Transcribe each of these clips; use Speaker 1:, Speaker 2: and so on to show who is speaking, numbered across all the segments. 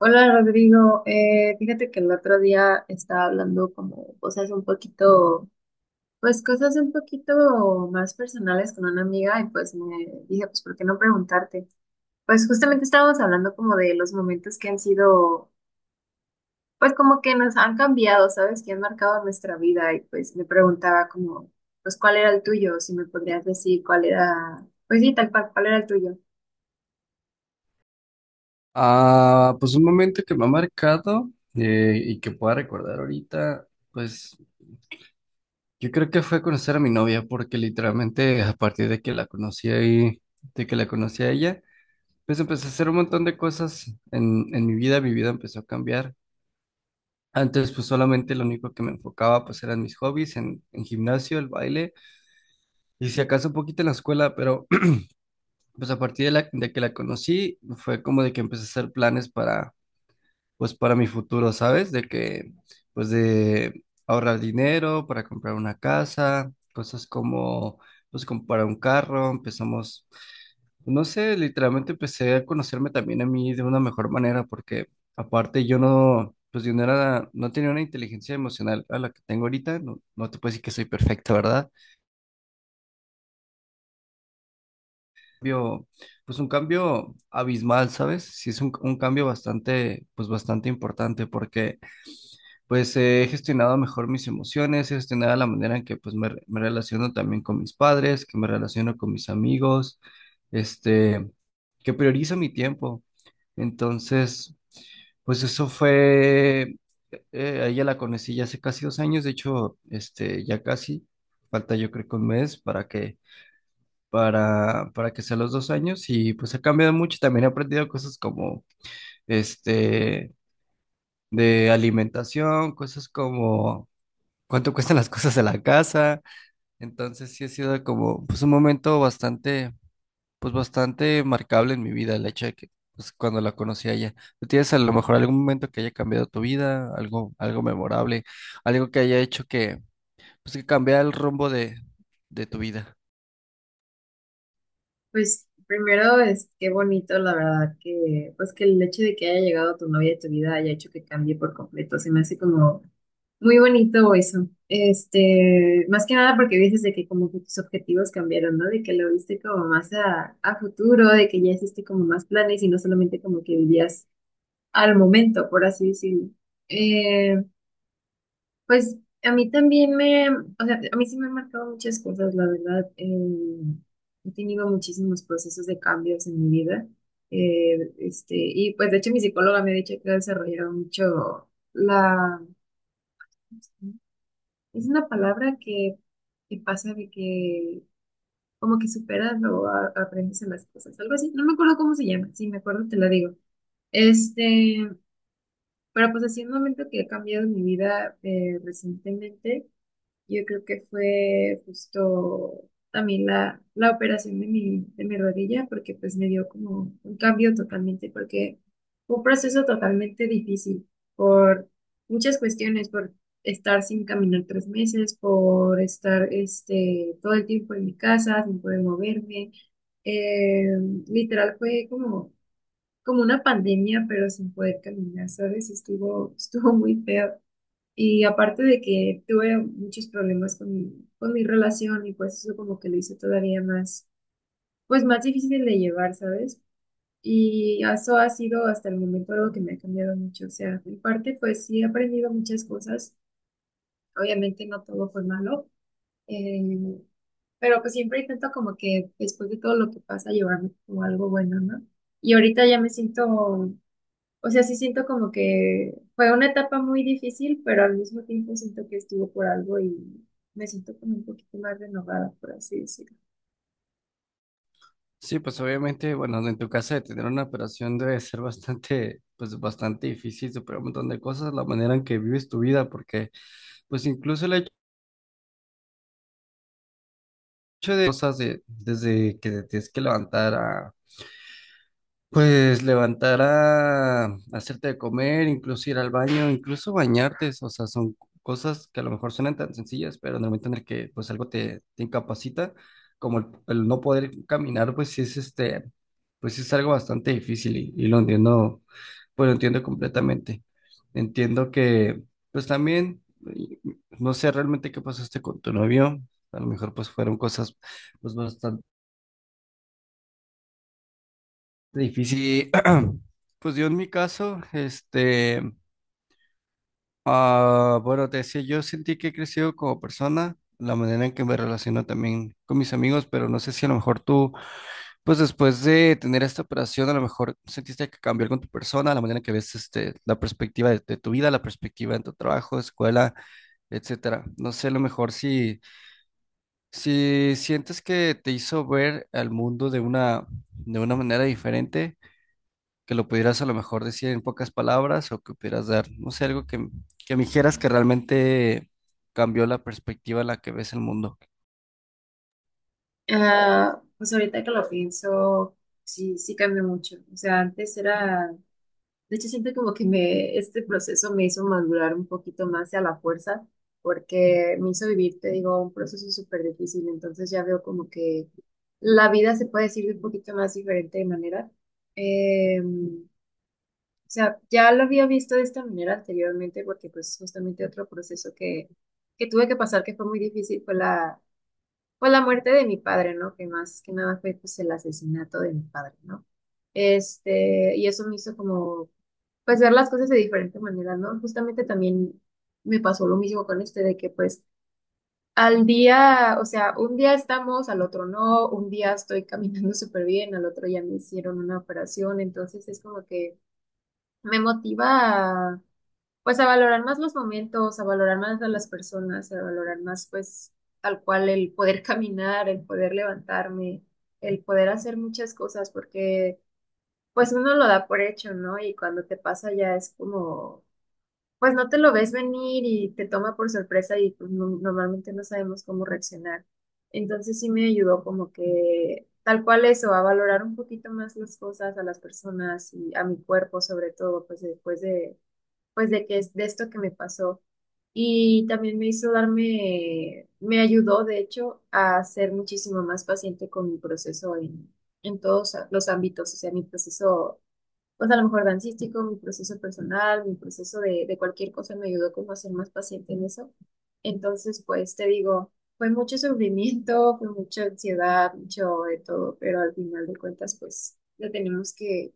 Speaker 1: Hola Rodrigo, fíjate que el otro día estaba hablando como cosas un poquito, pues cosas un poquito más personales con una amiga y pues me dije, pues ¿por qué no preguntarte? Pues justamente estábamos hablando como de los momentos que han sido, pues como que nos han cambiado, ¿sabes? Que han marcado nuestra vida y pues me preguntaba como, pues ¿cuál era el tuyo? Si me podrías decir cuál era, pues sí, tal cual, ¿cuál era el tuyo?
Speaker 2: Ah, pues un momento que me ha marcado y que pueda recordar ahorita, pues yo creo que fue conocer a mi novia, porque literalmente a partir de que la conocí ahí, de que la conocí a ella, pues empecé a hacer un montón de cosas en mi vida empezó a cambiar. Antes pues solamente lo único que me enfocaba pues eran mis hobbies, en gimnasio, el baile y si acaso un poquito en la escuela, pero pues a partir de que la conocí fue como de que empecé a hacer planes para pues para mi futuro, ¿sabes? Pues de ahorrar dinero para comprar una casa, cosas como, pues comprar un carro, empezamos, no sé, literalmente empecé a conocerme también a mí de una mejor manera, porque aparte yo no, pues yo no era, no tenía una inteligencia emocional a la que tengo ahorita, no te puedo decir que soy perfecta, ¿verdad? Cambio, pues un cambio abismal, ¿sabes? Sí es un cambio bastante, pues bastante importante, porque pues he gestionado mejor mis emociones, he gestionado la manera en que pues me relaciono también con mis padres, que me relaciono con mis amigos, este, que priorizo mi tiempo. Entonces, pues eso fue, a ella la conocí ya hace casi 2 años, de hecho, ya casi, falta yo creo que 1 mes para que, para que sea los 2 años y pues ha cambiado mucho, también he aprendido cosas como, este, de alimentación, cosas como cuánto cuestan las cosas de la casa. Entonces sí ha sido como pues un momento bastante, pues bastante marcable en mi vida, el hecho de que pues cuando la conocí a ella. ¿Tú tienes a lo mejor algún momento que haya cambiado tu vida, algo, algo memorable, algo que haya hecho que, pues que cambiara el rumbo de tu vida?
Speaker 1: Pues primero es qué bonito, la verdad, que pues que el hecho de que haya llegado tu novia a tu vida haya hecho que cambie por completo, se me hace como muy bonito eso. Este, más que nada porque dices de que como que tus objetivos cambiaron, ¿no? De que lo viste como más a futuro, de que ya hiciste como más planes y no solamente como que vivías al momento, por así decirlo. Eh, pues a mí también me, o sea, a mí sí me han marcado muchas cosas, la verdad. He tenido muchísimos procesos de cambios en mi vida. Y pues de hecho mi psicóloga me ha dicho que ha desarrollado mucho la, es una palabra que pasa de que como que superas o aprendes en las cosas, algo así. No me acuerdo cómo se llama, si me acuerdo te la digo. Este, pero pues así un momento que ha cambiado mi vida recientemente. Yo creo que fue justo también la operación de mi rodilla, porque pues me dio como un cambio totalmente, porque fue un proceso totalmente difícil por muchas cuestiones, por estar sin caminar 3 meses, por estar este, todo el tiempo en mi casa, sin poder moverme. Eh, literal fue como, como una pandemia, pero sin poder caminar, ¿sabes? Estuvo, estuvo muy feo. Y aparte de que tuve muchos problemas con mi relación y pues eso como que lo hizo todavía más, pues más difícil de llevar, ¿sabes? Y eso ha sido hasta el momento algo que me ha cambiado mucho. O sea, en parte pues sí he aprendido muchas cosas. Obviamente no todo fue malo, eh, pero pues siempre intento como que después de todo lo que pasa llevarme como algo bueno, ¿no? Y ahorita ya me siento, o sea, sí siento como que fue una etapa muy difícil, pero al mismo tiempo siento que estuvo por algo y me siento como un poquito más renovada, por así decirlo.
Speaker 2: Sí, pues obviamente, bueno, en tu casa de tener una operación debe ser bastante, pues bastante difícil superar un montón de cosas, la manera en que vives tu vida, porque pues incluso el hecho de cosas desde que te tienes que levantar a, pues levantar a hacerte de comer, incluso ir al baño, incluso bañarte, o sea, son cosas que a lo mejor suenan tan sencillas, pero en el momento en el que pues algo te incapacita, como el no poder caminar, pues sí es pues sí es algo bastante difícil y lo entiendo, pues lo entiendo completamente. Entiendo que pues también, y- no sé realmente qué pasaste con tu novio, a lo mejor pues fueron cosas pues bastante difícil. Pues yo en mi caso, ah, bueno, te decía, yo sentí que he crecido como persona, la manera en que me relaciono también con mis amigos, pero no sé si a lo mejor tú, pues después de tener esta operación, a lo mejor sentiste que cambió algo en tu persona, la manera en que ves, la perspectiva de tu vida, la perspectiva en tu trabajo, escuela, etcétera. No sé, a lo mejor si sientes que te hizo ver al mundo de una manera diferente que lo pudieras a lo mejor decir en pocas palabras o que pudieras dar, no sé, algo que me dijeras que realmente cambió la perspectiva en la que ves el mundo.
Speaker 1: Ah, pues ahorita que lo pienso, sí, sí cambió mucho. O sea, antes era, de hecho siento como que me, este proceso me hizo madurar un poquito más y a la fuerza, porque me hizo vivir, te digo, un proceso súper difícil. Entonces ya veo como que la vida se puede decir de un poquito más diferente de manera. Em, O sea, ya lo había visto de esta manera anteriormente porque pues justamente otro proceso que tuve que pasar que fue muy difícil fue la muerte de mi padre, ¿no? Que más que nada fue pues el asesinato de mi padre, ¿no? Este, y eso me hizo como pues ver las cosas de diferente manera, ¿no? Justamente también me pasó lo mismo con este de que pues al día, o sea, un día estamos, al otro no, un día estoy caminando súper bien, al otro ya me hicieron una operación, entonces es como que me motiva pues a valorar más los momentos, a valorar más a las personas, a valorar más pues tal cual el poder caminar, el poder levantarme, el poder hacer muchas cosas, porque pues uno lo da por hecho, ¿no? Y cuando te pasa ya es como, pues no te lo ves venir y te toma por sorpresa y pues normalmente no sabemos cómo reaccionar. Entonces sí me ayudó como que tal cual eso, a valorar un poquito más las cosas, a las personas y a mi cuerpo sobre todo, pues después de pues de que es de esto que me pasó. Y también me hizo darme, me ayudó, de hecho, a ser muchísimo más paciente con mi proceso en todos los ámbitos, o sea, mi proceso, pues a lo mejor dancístico, mi proceso personal, mi proceso de cualquier cosa me ayudó como a ser más paciente en eso. Entonces, pues te digo, fue mucho sufrimiento, fue mucha ansiedad, mucho de todo, pero al final de cuentas, pues le tenemos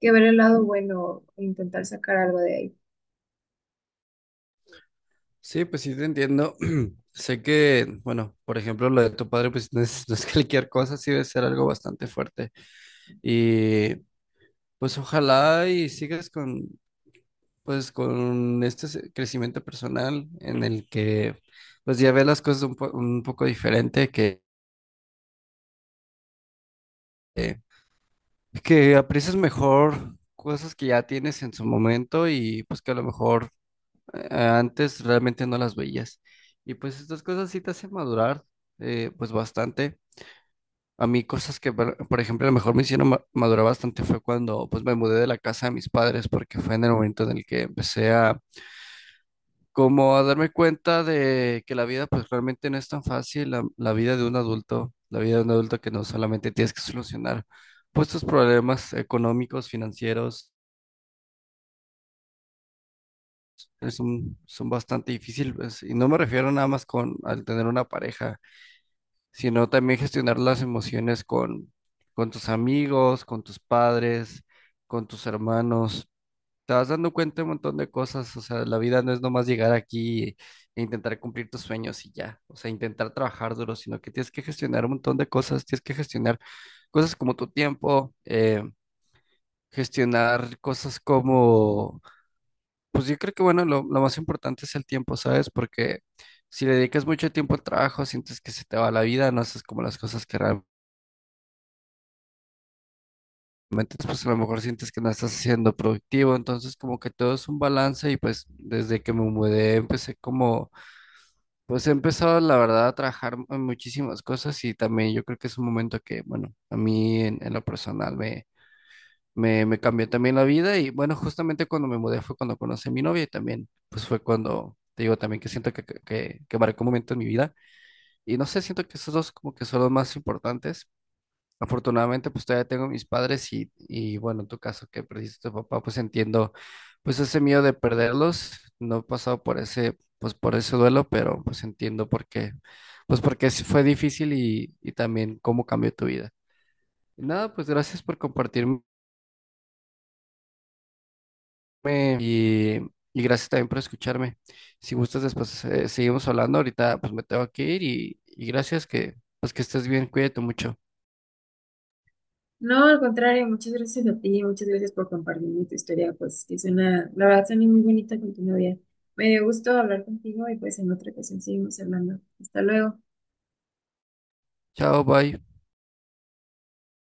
Speaker 1: que ver el lado bueno e intentar sacar algo de ahí.
Speaker 2: Sí, pues sí te entiendo. Sé que, bueno, por ejemplo, lo de tu padre, pues no es cualquier cosa, sí debe ser algo bastante fuerte. Y pues ojalá y sigas con, pues, con este crecimiento personal en el que, pues ya ves las cosas un poco diferente, que, eh, es que aprecias mejor cosas que ya tienes en su momento y pues que a lo mejor antes realmente no las veías. Y pues estas cosas sí te hacen madurar pues bastante. A mí cosas que, por ejemplo, a lo mejor me hicieron madurar bastante fue cuando pues me mudé de la casa de mis padres porque fue en el momento en el que empecé a como a darme cuenta de que la vida pues realmente no es tan fácil, la vida de un adulto, la vida de un adulto que no solamente tienes que solucionar pues tus problemas económicos, financieros son bastante difíciles. Y no me refiero nada más con al tener una pareja, sino también gestionar las emociones con tus amigos, con tus padres, con tus hermanos. Te vas dando cuenta de un montón de cosas. O sea, la vida no es nomás llegar aquí e intentar cumplir tus sueños y ya. O sea, intentar trabajar duro, sino que tienes que gestionar un montón de cosas. Tienes que gestionar cosas como tu tiempo, gestionar cosas como pues yo creo que, bueno, lo más importante es el tiempo, ¿sabes? Porque si le dedicas mucho tiempo al trabajo, sientes que se te va la vida, no haces como las cosas que realmente, pues a lo mejor sientes que no estás siendo productivo, entonces como que todo es un balance y pues desde que me mudé empecé como, pues he empezado la verdad a trabajar en muchísimas cosas y también yo creo que es un momento que, bueno, a mí en lo personal me cambió también la vida y bueno, justamente cuando me mudé fue cuando conocí a mi novia y también pues fue cuando, te digo, también que siento que marcó un momento en mi vida y no sé, siento que esos dos como que son los más importantes. Afortunadamente pues todavía tengo a mis padres y bueno, en tu caso que perdiste a tu papá pues entiendo pues ese miedo de perderlos, no he pasado por ese, pues por ese duelo, pero pues entiendo por qué, pues porque sí fue difícil y también cómo cambió tu vida. Y nada, pues gracias por me- Y, y gracias también por escucharme. Si gustas, después seguimos hablando. Ahorita pues me tengo que ir y gracias que pues que estés bien. Cuídate mucho.
Speaker 1: No, al contrario, muchas gracias a ti, muchas gracias por compartirme tu historia, pues que suena, la verdad suena muy bonita con tu novia. Me dio gusto hablar contigo y pues en otra ocasión seguimos hablando. Hasta luego.
Speaker 2: Chao, bye.